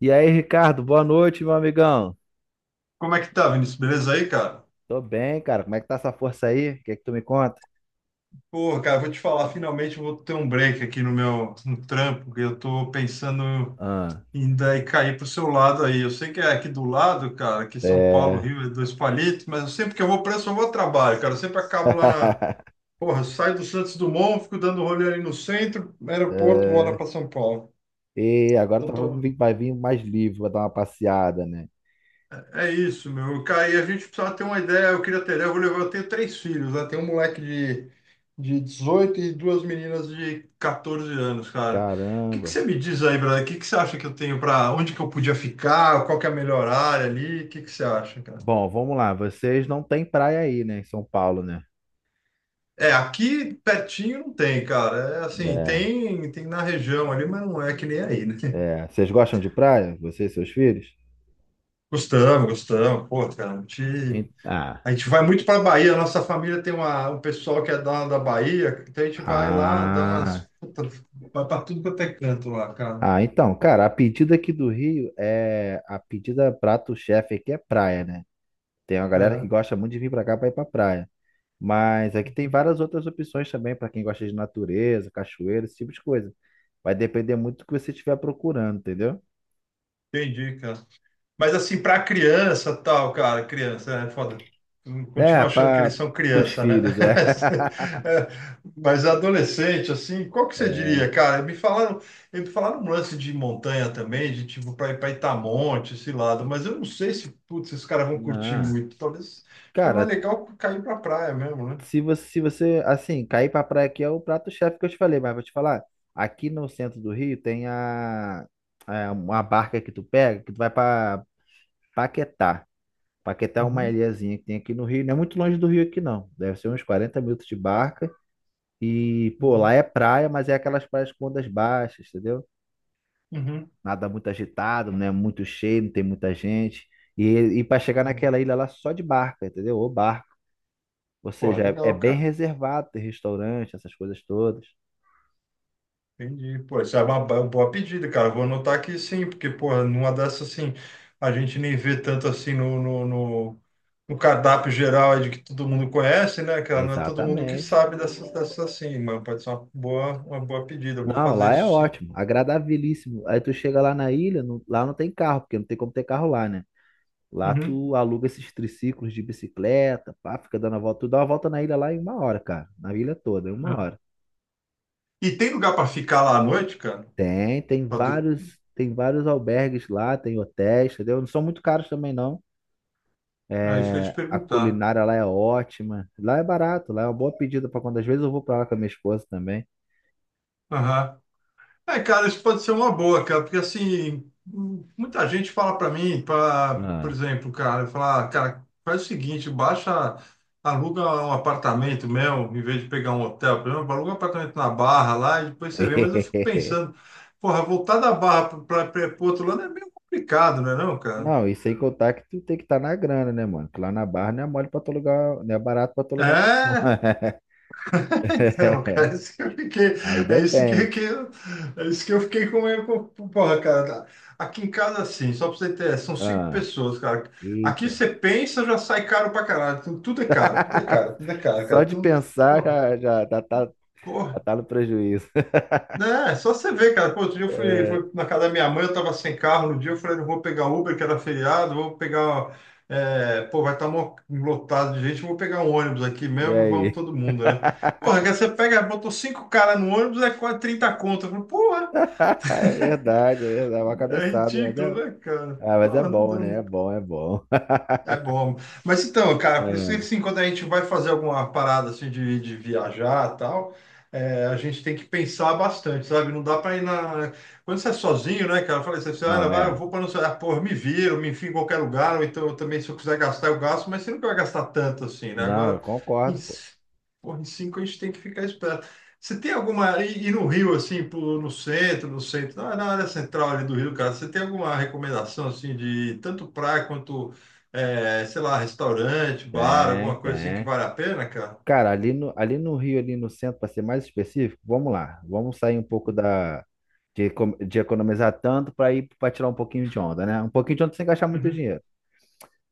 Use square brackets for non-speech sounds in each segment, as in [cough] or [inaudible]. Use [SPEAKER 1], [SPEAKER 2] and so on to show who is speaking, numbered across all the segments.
[SPEAKER 1] E aí, Ricardo, boa noite, meu amigão.
[SPEAKER 2] Como é que tá, Vinícius? Beleza aí, cara?
[SPEAKER 1] Tô bem, cara. Como é que tá essa força aí? O que é que tu me conta?
[SPEAKER 2] Pô, cara, vou te falar, finalmente eu vou ter um break aqui no trampo, que eu tô pensando
[SPEAKER 1] Ah,
[SPEAKER 2] em daí cair pro seu lado aí. Eu sei que é aqui do lado, cara, que São Paulo,
[SPEAKER 1] é.
[SPEAKER 2] Rio, é dois palitos, mas eu sempre que eu vou pra isso, eu vou ao trabalho, cara. Eu sempre acabo lá na...
[SPEAKER 1] [laughs]
[SPEAKER 2] Porra, eu saio do Santos Dumont, fico dando rolê ali no centro, aeroporto, vou lá
[SPEAKER 1] É.
[SPEAKER 2] pra São Paulo.
[SPEAKER 1] E agora tá,
[SPEAKER 2] Então tô.
[SPEAKER 1] vai vir mais livre, vai dar uma passeada, né?
[SPEAKER 2] É isso, meu. Cara, e a gente precisava ter uma ideia. Eu queria ter ideia. Eu vou levar. Eu tenho três filhos, né? Tem um moleque de, 18 e duas meninas de 14 anos, cara. O que que
[SPEAKER 1] Caramba.
[SPEAKER 2] você me diz aí, brother? O que que você acha que eu tenho, para onde que eu podia ficar? Qual que é a melhor área ali? O que que você acha, cara?
[SPEAKER 1] Bom, vamos lá. Vocês não têm praia aí, né, em São Paulo, né?
[SPEAKER 2] É, aqui pertinho não tem, cara. É assim, tem na região ali, mas não é que nem aí, né? [laughs]
[SPEAKER 1] É. É. Vocês gostam de praia? Você e seus filhos?
[SPEAKER 2] Gostamos, gostamos. Pô, cara,
[SPEAKER 1] Ah.
[SPEAKER 2] a gente vai muito para a Bahia, nossa família tem um pessoal que é da Bahia, então a gente vai lá, dá umas.
[SPEAKER 1] Ah.
[SPEAKER 2] Puta, vai para tudo quanto é canto lá, cara.
[SPEAKER 1] Ah, então, cara, a pedida aqui do Rio é. A pedida prato-chefe aqui é praia, né? Tem uma galera que
[SPEAKER 2] É,
[SPEAKER 1] gosta muito de vir pra cá pra ir pra praia. Mas aqui tem várias outras opções também pra quem gosta de natureza, cachoeira, esse tipo de coisa. Vai depender muito do que você estiver procurando, entendeu?
[SPEAKER 2] entendi, cara. Mas assim, pra criança, tal, cara, criança, é foda.
[SPEAKER 1] É,
[SPEAKER 2] Continuo achando que eles
[SPEAKER 1] para
[SPEAKER 2] são
[SPEAKER 1] os
[SPEAKER 2] criança, né?
[SPEAKER 1] filhos, é.
[SPEAKER 2] [laughs] É. Mas adolescente, assim, qual que você
[SPEAKER 1] [laughs]
[SPEAKER 2] diria, cara? Me falaram um lance de montanha também, de tipo para ir para Itamonte, esse lado, mas eu não sei se, putz, esses caras vão curtir
[SPEAKER 1] Não.
[SPEAKER 2] muito. Talvez, acho que é mais
[SPEAKER 1] Cara,
[SPEAKER 2] legal cair pra praia mesmo, né?
[SPEAKER 1] se você, assim, cair pra praia aqui é o prato-chefe que eu te falei, mas vou te falar, aqui no centro do Rio tem uma barca que tu pega, que tu vai pra Paquetá. Paquetá é uma
[SPEAKER 2] Uhum,
[SPEAKER 1] ilhazinha que tem aqui no Rio, não é muito longe do Rio aqui não, deve ser uns 40 minutos de barca. E, pô,
[SPEAKER 2] uhum.
[SPEAKER 1] lá é praia, mas é aquelas praias com ondas baixas, entendeu?
[SPEAKER 2] Uhum.
[SPEAKER 1] Nada muito agitado, não é muito cheio, não tem muita gente. E, e para chegar
[SPEAKER 2] Uhum.
[SPEAKER 1] naquela ilha lá só de barca, entendeu? Ou barco. Ou
[SPEAKER 2] Pô,
[SPEAKER 1] seja, é
[SPEAKER 2] legal,
[SPEAKER 1] bem
[SPEAKER 2] cara.
[SPEAKER 1] reservado, tem restaurante, essas coisas todas.
[SPEAKER 2] Entendi. Pô, isso é uma boa pedida, cara. Vou anotar aqui sim, porque, porra, numa dessas, assim, a gente nem vê tanto assim no cardápio geral aí de que todo mundo conhece, né, cara? Não é todo mundo que
[SPEAKER 1] Exatamente.
[SPEAKER 2] sabe dessas assim, mas pode ser uma boa pedida. Eu vou
[SPEAKER 1] Não,
[SPEAKER 2] fazer
[SPEAKER 1] lá é
[SPEAKER 2] isso sim.
[SPEAKER 1] ótimo, agradabilíssimo. Aí tu chega lá na ilha, lá não tem carro, porque não tem como ter carro lá, né? Lá
[SPEAKER 2] Uhum.
[SPEAKER 1] tu aluga esses triciclos de bicicleta, pá, fica dando a volta. Tu dá uma volta na ilha lá em uma hora, cara. Na ilha toda, em uma
[SPEAKER 2] É.
[SPEAKER 1] hora.
[SPEAKER 2] E tem lugar para ficar lá à noite, cara?
[SPEAKER 1] Tem, tem
[SPEAKER 2] Pra dur-
[SPEAKER 1] vários, tem vários albergues lá, tem hotéis, entendeu? Não são muito caros também, não.
[SPEAKER 2] Ah, isso que eu ia te
[SPEAKER 1] É, a
[SPEAKER 2] perguntar.
[SPEAKER 1] culinária lá é ótima. Lá é barato, lá é uma boa pedida para quando às vezes eu vou para lá com a minha esposa também.
[SPEAKER 2] Aham. É, cara, isso pode ser uma boa, cara, porque assim, muita gente fala para mim, pra, por
[SPEAKER 1] Ah.
[SPEAKER 2] exemplo, cara, falar, cara, faz o seguinte, baixa, aluga um apartamento mesmo, em vez de pegar um hotel, por exemplo, aluga um apartamento na Barra lá e depois você vê, mas eu fico
[SPEAKER 1] [laughs]
[SPEAKER 2] pensando, porra, voltar da Barra para o outro lado é meio complicado, não é não, cara?
[SPEAKER 1] Não, e sem contar que tu tem que estar na grana, né, mano? Que lá na Barra não é mole pra tu alugar, não é barato pra tu alugar um.
[SPEAKER 2] É. Não, cara,
[SPEAKER 1] [laughs]
[SPEAKER 2] é isso que eu fiquei,
[SPEAKER 1] Aí
[SPEAKER 2] é isso que,
[SPEAKER 1] depende.
[SPEAKER 2] que- é isso que eu fiquei com meio, porra, cara, tá. Aqui em casa, assim, só pra você ter, são cinco pessoas, cara, aqui
[SPEAKER 1] Eita.
[SPEAKER 2] você pensa, já sai caro pra caralho, tudo, tudo é caro, tudo é
[SPEAKER 1] [laughs]
[SPEAKER 2] caro, tudo é caro,
[SPEAKER 1] Só
[SPEAKER 2] cara,
[SPEAKER 1] de
[SPEAKER 2] então,
[SPEAKER 1] pensar
[SPEAKER 2] porra,
[SPEAKER 1] já
[SPEAKER 2] porra.
[SPEAKER 1] tá no prejuízo. [laughs]
[SPEAKER 2] Né. É, só você ver, cara. Pô, outro dia eu
[SPEAKER 1] É,
[SPEAKER 2] fui na casa da minha mãe, eu tava sem carro no dia, eu falei, não vou pegar Uber, que era feriado, vou pegar. É, pô, vai estar lotado de gente, vou pegar um ônibus aqui
[SPEAKER 1] e
[SPEAKER 2] mesmo e vamos
[SPEAKER 1] aí?
[SPEAKER 2] todo mundo, né?
[SPEAKER 1] [laughs]
[SPEAKER 2] Porra, que você pega, botou cinco caras no ônibus, é quase 30 conto. Eu falei, porra,
[SPEAKER 1] É verdade, é verdade. É uma
[SPEAKER 2] é
[SPEAKER 1] cabeçada, mas é,
[SPEAKER 2] ridículo, né, cara?
[SPEAKER 1] ah, mas é
[SPEAKER 2] Porra, não,
[SPEAKER 1] bom, né? É
[SPEAKER 2] não.
[SPEAKER 1] bom, é bom.
[SPEAKER 2] É
[SPEAKER 1] [laughs]
[SPEAKER 2] bom. Mas então, cara, por isso que
[SPEAKER 1] É,
[SPEAKER 2] assim, quando a gente vai fazer alguma parada assim de viajar e tal, é, a gente tem que pensar bastante, sabe? Não dá para ir na. Quando você é sozinho, né, cara? Eu falei assim, ah,
[SPEAKER 1] não,
[SPEAKER 2] vai, eu
[SPEAKER 1] é.
[SPEAKER 2] vou para não sei, ah, pô, eu me viro, me enfio em qualquer lugar, ou então eu também, se eu quiser gastar, eu gasto, mas você nunca vai gastar tanto assim, né?
[SPEAKER 1] Não, eu
[SPEAKER 2] Agora, em,
[SPEAKER 1] concordo, pô.
[SPEAKER 2] c- pô, em cinco a gente tem que ficar esperto. Você tem alguma. E no Rio, assim, no centro, na área central ali do Rio, cara, você tem alguma recomendação assim de tanto praia quanto é, sei lá, restaurante, bar,
[SPEAKER 1] Tem,
[SPEAKER 2] alguma coisa assim que
[SPEAKER 1] tem.
[SPEAKER 2] vale a pena, cara?
[SPEAKER 1] Cara, ali no Rio, ali no centro, para ser mais específico, vamos lá. Vamos sair um pouco de economizar tanto para tirar um pouquinho de onda, né? Um pouquinho de onda sem gastar muito
[SPEAKER 2] Uhum.
[SPEAKER 1] dinheiro.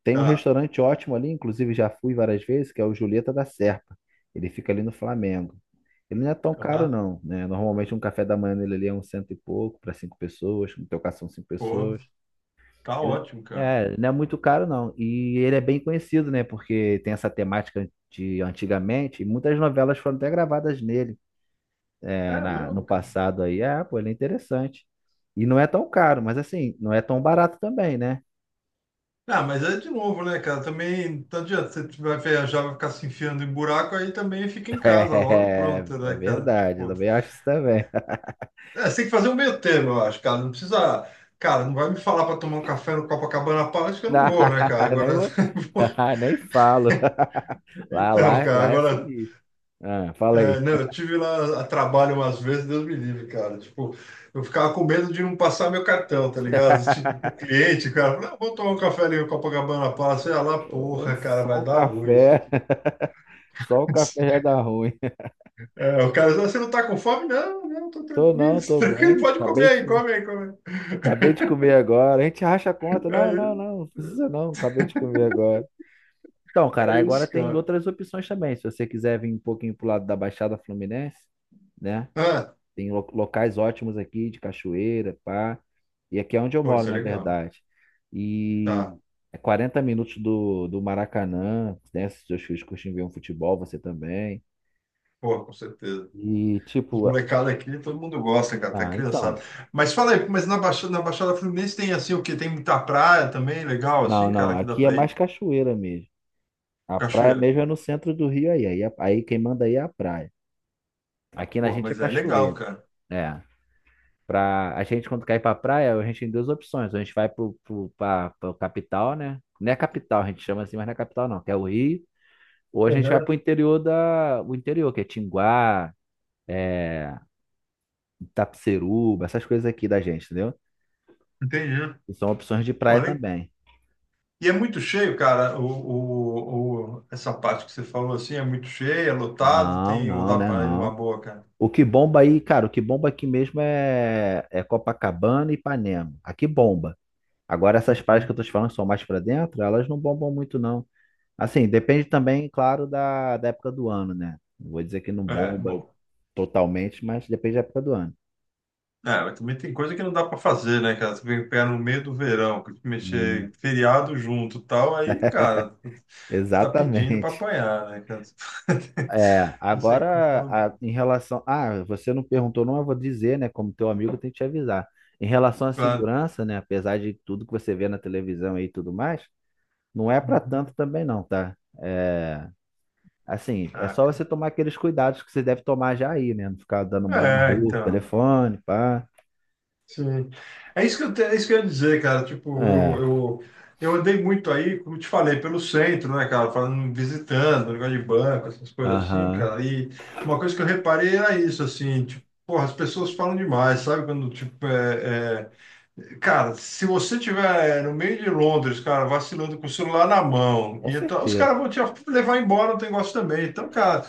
[SPEAKER 1] Tem um
[SPEAKER 2] Tá,
[SPEAKER 1] restaurante ótimo ali, inclusive já fui várias vezes, que é o Julieta da Serpa. Ele fica ali no Flamengo. Ele não é tão caro,
[SPEAKER 2] tá,
[SPEAKER 1] não, né? Normalmente um café da manhã nele ali é um cento e pouco para cinco pessoas, no teu caso são cinco
[SPEAKER 2] pô,
[SPEAKER 1] pessoas.
[SPEAKER 2] tá
[SPEAKER 1] Ele
[SPEAKER 2] ótimo, cara.
[SPEAKER 1] é, não é muito caro, não. E ele é bem conhecido, né? Porque tem essa temática de antigamente, e muitas novelas foram até gravadas nele, é,
[SPEAKER 2] É
[SPEAKER 1] no
[SPEAKER 2] mesmo, cara.
[SPEAKER 1] passado aí. Ah, pô, ele é interessante. E não é tão caro, mas assim, não é tão barato também, né?
[SPEAKER 2] Ah, mas é de novo, né, cara? Também, não adianta, você vai viajar, vai ficar se enfiando em buraco, aí também fica em
[SPEAKER 1] [laughs]
[SPEAKER 2] casa logo e
[SPEAKER 1] É,
[SPEAKER 2] pronto,
[SPEAKER 1] é
[SPEAKER 2] né, cara?
[SPEAKER 1] verdade, eu
[SPEAKER 2] Tipo,
[SPEAKER 1] também acho isso também.
[SPEAKER 2] é, você tem que fazer um meio termo, eu acho, cara. Não precisa, cara, não vai me falar para tomar um café no Copacabana Palace que eu não vou, né, cara?
[SPEAKER 1] [laughs] nem,
[SPEAKER 2] Agora.
[SPEAKER 1] vou- [laughs] nem falo.
[SPEAKER 2] [laughs]
[SPEAKER 1] Lá,
[SPEAKER 2] Então,
[SPEAKER 1] lá,
[SPEAKER 2] cara,
[SPEAKER 1] lá é
[SPEAKER 2] agora.
[SPEAKER 1] sinistro. Ah, fala
[SPEAKER 2] É,
[SPEAKER 1] aí.
[SPEAKER 2] não, eu tive lá a trabalho umas vezes, Deus me livre, cara. Tipo, eu ficava com medo de não passar meu cartão, tá ligado? Tipo, com
[SPEAKER 1] [laughs]
[SPEAKER 2] cliente, o cara, não, vou tomar um café ali no Copacabana Palace, sei lá,
[SPEAKER 1] Ô,
[SPEAKER 2] porra, cara,
[SPEAKER 1] Só
[SPEAKER 2] vai
[SPEAKER 1] o
[SPEAKER 2] dar ruim isso
[SPEAKER 1] café,
[SPEAKER 2] aqui.
[SPEAKER 1] [laughs] só o café já
[SPEAKER 2] [laughs]
[SPEAKER 1] dá ruim. [laughs]
[SPEAKER 2] É, o cara, "Ah, você não tá com fome? Não, não, tô
[SPEAKER 1] Tô
[SPEAKER 2] tranquilo,
[SPEAKER 1] não,
[SPEAKER 2] [laughs]
[SPEAKER 1] tô
[SPEAKER 2] tranquilo,
[SPEAKER 1] bem.
[SPEAKER 2] pode comer
[SPEAKER 1] Acabei de,
[SPEAKER 2] aí, come aí, come aí.
[SPEAKER 1] acabei de comer agora. A gente racha a conta.
[SPEAKER 2] É,
[SPEAKER 1] Não, não, não, não precisa não. Acabei de comer agora. Então, cara,
[SPEAKER 2] é
[SPEAKER 1] agora
[SPEAKER 2] isso,
[SPEAKER 1] tem
[SPEAKER 2] cara.
[SPEAKER 1] outras opções também. Se você quiser vir um pouquinho pro lado da Baixada Fluminense, né?
[SPEAKER 2] Ah,
[SPEAKER 1] Tem locais ótimos aqui de cachoeira, pá. E aqui é onde eu
[SPEAKER 2] pô,
[SPEAKER 1] moro,
[SPEAKER 2] isso é
[SPEAKER 1] na
[SPEAKER 2] legal.
[SPEAKER 1] verdade. E
[SPEAKER 2] Tá,
[SPEAKER 1] é 40 minutos do Maracanã, né? Se seus filhos curtem ver um futebol, você também.
[SPEAKER 2] pô, com certeza.
[SPEAKER 1] E
[SPEAKER 2] Os
[SPEAKER 1] tipo,
[SPEAKER 2] molecados aqui, todo mundo gosta, cara, até
[SPEAKER 1] ah,
[SPEAKER 2] criançada.
[SPEAKER 1] então.
[SPEAKER 2] Mas fala aí, mas na Baixada Fluminense tem assim o quê? Tem muita praia também, legal,
[SPEAKER 1] Não,
[SPEAKER 2] assim,
[SPEAKER 1] não,
[SPEAKER 2] cara, que dá
[SPEAKER 1] aqui é
[SPEAKER 2] pra
[SPEAKER 1] mais
[SPEAKER 2] ir?
[SPEAKER 1] cachoeira mesmo. A praia
[SPEAKER 2] Cachoeira.
[SPEAKER 1] mesmo é no centro do Rio aí. Aí quem manda aí é a praia. Aqui na
[SPEAKER 2] Porra,
[SPEAKER 1] gente é
[SPEAKER 2] mas é legal,
[SPEAKER 1] cachoeira.
[SPEAKER 2] cara.
[SPEAKER 1] É. A gente, quando cai pra praia, a gente tem duas opções. Ou a gente vai pra capital, né? Não é capital, a gente chama assim, mas não é capital, não, que é o Rio. Ou a gente vai
[SPEAKER 2] Uhum.
[SPEAKER 1] pro interior da. O interior, que é Tinguá, é... Itapeceruba, essas coisas aqui da gente, entendeu?
[SPEAKER 2] Entendi.
[SPEAKER 1] E são opções de praia
[SPEAKER 2] Porra,
[SPEAKER 1] também.
[SPEAKER 2] e é muito cheio, cara, essa parte que você falou assim, é muito cheia, é lotado,
[SPEAKER 1] Não,
[SPEAKER 2] tem, ou
[SPEAKER 1] não,
[SPEAKER 2] dá
[SPEAKER 1] né?
[SPEAKER 2] pra ir uma
[SPEAKER 1] Não.
[SPEAKER 2] boa, cara.
[SPEAKER 1] O que bomba aí, cara, o que bomba aqui mesmo é Copacabana e Ipanema. Aqui bomba. Agora, essas praias que eu
[SPEAKER 2] Uhum.
[SPEAKER 1] tô te falando que são mais pra dentro, elas não bombam muito, não. Assim, depende também, claro, da época do ano, né? Não vou dizer que não
[SPEAKER 2] É,
[SPEAKER 1] bomba
[SPEAKER 2] bom.
[SPEAKER 1] totalmente, mas depende da época do ano.
[SPEAKER 2] É, mas também tem coisa que não dá pra fazer, né, cara? Você vem pegar no meio do verão, que mexer
[SPEAKER 1] E-
[SPEAKER 2] em feriado junto e tal, aí, cara, você tá pedindo pra
[SPEAKER 1] Exatamente. [laughs]
[SPEAKER 2] apanhar, né, cara?
[SPEAKER 1] É,
[SPEAKER 2] [laughs] Isso é qualquer
[SPEAKER 1] agora,
[SPEAKER 2] lugar.
[SPEAKER 1] em relação. Ah, você não perguntou, não, eu vou dizer, né? Como teu amigo, eu tenho que te avisar. Em relação à
[SPEAKER 2] Claro.
[SPEAKER 1] segurança, né? Apesar de tudo que você vê na televisão aí e tudo mais, não é para tanto
[SPEAKER 2] Uhum.
[SPEAKER 1] também, não, tá? É, assim, é
[SPEAKER 2] Ah,
[SPEAKER 1] só
[SPEAKER 2] cara.
[SPEAKER 1] você tomar aqueles cuidados que você deve tomar já aí, né? Não ficar dando mole na
[SPEAKER 2] É,
[SPEAKER 1] rua, com o
[SPEAKER 2] então.
[SPEAKER 1] telefone, pá.
[SPEAKER 2] Sim. É isso que eu, é isso que eu ia dizer, cara. Tipo,
[SPEAKER 1] É.
[SPEAKER 2] eu andei muito aí, como eu te falei, pelo centro, né, cara? Falando, visitando, negócio de banco, essas coisas assim,
[SPEAKER 1] Aham.
[SPEAKER 2] cara. E uma coisa que eu reparei era isso, assim, tipo, porra, as pessoas falam demais, sabe? Quando, tipo, cara, se você tiver no meio de Londres, cara, vacilando com o celular na mão,
[SPEAKER 1] Com
[SPEAKER 2] e então, os
[SPEAKER 1] certeza.
[SPEAKER 2] caras vão te levar embora o negócio também. Então, cara.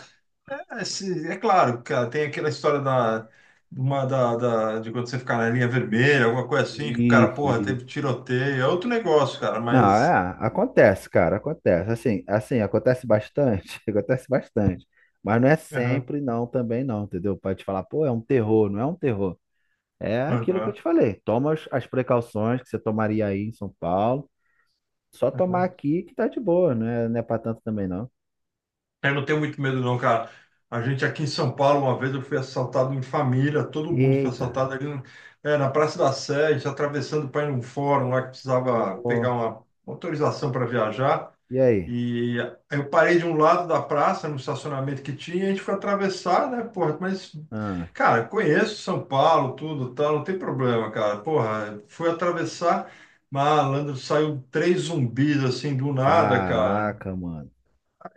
[SPEAKER 2] É, é claro, cara, tem aquela história da, uma, da, da- de quando você ficar na linha vermelha, alguma coisa assim, que o cara,
[SPEAKER 1] Isso,
[SPEAKER 2] porra, teve
[SPEAKER 1] isso.
[SPEAKER 2] tiroteio, é outro negócio, cara,
[SPEAKER 1] Não,
[SPEAKER 2] mas.
[SPEAKER 1] é, acontece, cara, acontece. Assim, assim, acontece bastante, [laughs] acontece bastante. Mas não é
[SPEAKER 2] Aham,
[SPEAKER 1] sempre, não, também não, entendeu? Pode te falar, pô, é um terror, não é um terror. É aquilo que eu
[SPEAKER 2] aham,
[SPEAKER 1] te falei. Toma as precauções que você tomaria aí em São Paulo. Só tomar
[SPEAKER 2] aham.
[SPEAKER 1] aqui que tá de boa, não é pra tanto também, não.
[SPEAKER 2] Eu não tenho muito medo, não, cara. A gente aqui em São Paulo, uma vez eu fui assaltado em família, todo mundo foi
[SPEAKER 1] Eita,
[SPEAKER 2] assaltado ali é, na Praça da Sé, a gente atravessando para ir num fórum lá que precisava
[SPEAKER 1] pô,
[SPEAKER 2] pegar uma autorização para viajar.
[SPEAKER 1] e aí?
[SPEAKER 2] E eu parei de um lado da praça, no estacionamento que tinha, e a gente foi atravessar, né, porra, mas,
[SPEAKER 1] Ah,
[SPEAKER 2] cara, conheço São Paulo, tudo, tal, não tem problema, cara, porra, fui atravessar, malandro, saiu três zumbis, assim, do nada, cara,
[SPEAKER 1] caraca, mano.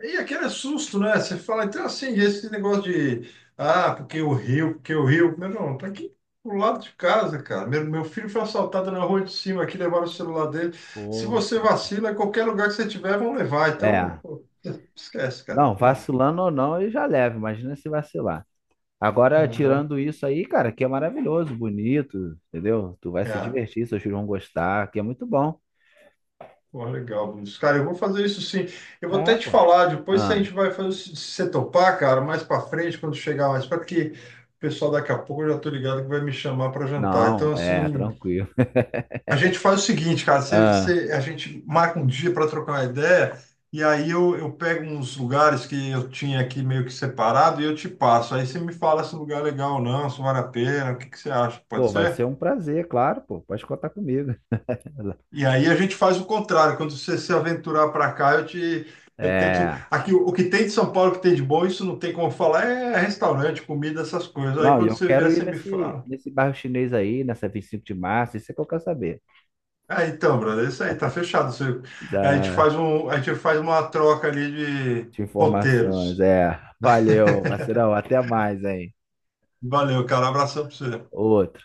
[SPEAKER 2] e aquele é susto, né? Você fala, então assim, esse negócio de ah, porque o Rio, meu irmão, tá aqui do lado de casa, cara. Meu filho foi assaltado na rua de cima aqui, levaram o celular dele. Se
[SPEAKER 1] Pô,
[SPEAKER 2] você vacila, qualquer lugar que você tiver, vão levar. Então,
[SPEAKER 1] é.
[SPEAKER 2] pô, esquece, cara. Não
[SPEAKER 1] Não,
[SPEAKER 2] tem isso.
[SPEAKER 1] vacilando ou não, ele já leva. Imagina se vacilar. Agora,
[SPEAKER 2] Aham.
[SPEAKER 1] tirando isso aí, cara, que é maravilhoso, bonito, entendeu? Tu vai se
[SPEAKER 2] É.
[SPEAKER 1] divertir, seus filhos vão gostar, que é muito bom.
[SPEAKER 2] Pô, legal, Vinícius. Cara, eu vou fazer isso sim. Eu vou
[SPEAKER 1] É,
[SPEAKER 2] até te
[SPEAKER 1] pô.
[SPEAKER 2] falar, depois se a
[SPEAKER 1] Ah,
[SPEAKER 2] gente vai fazer, se você topar, cara, mais pra frente, quando chegar mais, para que o pessoal daqui a pouco eu já tô ligado que vai me chamar para jantar.
[SPEAKER 1] não,
[SPEAKER 2] Então,
[SPEAKER 1] é,
[SPEAKER 2] assim,
[SPEAKER 1] tranquilo. [laughs]
[SPEAKER 2] a gente faz o seguinte, cara,
[SPEAKER 1] Ah,
[SPEAKER 2] a gente marca um dia para trocar uma ideia, e aí eu pego uns lugares que eu tinha aqui meio que separado e eu te passo. Aí você me fala se o lugar é legal ou não, se vale a pena, o que que você acha, pode
[SPEAKER 1] pô, vai ser
[SPEAKER 2] ser?
[SPEAKER 1] um prazer, claro, pô, pode contar comigo. [laughs]
[SPEAKER 2] E aí a gente faz o contrário, quando você se aventurar para cá, eu te. Eu tento.
[SPEAKER 1] É.
[SPEAKER 2] Aqui, o que tem de São Paulo, o que tem de bom, isso não tem como falar, é restaurante, comida, essas coisas. Aí
[SPEAKER 1] Não, e
[SPEAKER 2] quando
[SPEAKER 1] eu
[SPEAKER 2] você vier,
[SPEAKER 1] quero ir
[SPEAKER 2] você me
[SPEAKER 1] nesse,
[SPEAKER 2] fala.
[SPEAKER 1] nesse bairro chinês aí, nessa 25 de março, isso é que eu quero saber.
[SPEAKER 2] Ah, então, brother, é isso aí, tá fechado. Você-
[SPEAKER 1] Da,
[SPEAKER 2] a gente faz uma troca ali de
[SPEAKER 1] de informações,
[SPEAKER 2] roteiros.
[SPEAKER 1] é. Valeu, parceirão, até mais, hein?
[SPEAKER 2] Valeu, cara. Abração pra você.
[SPEAKER 1] Outro.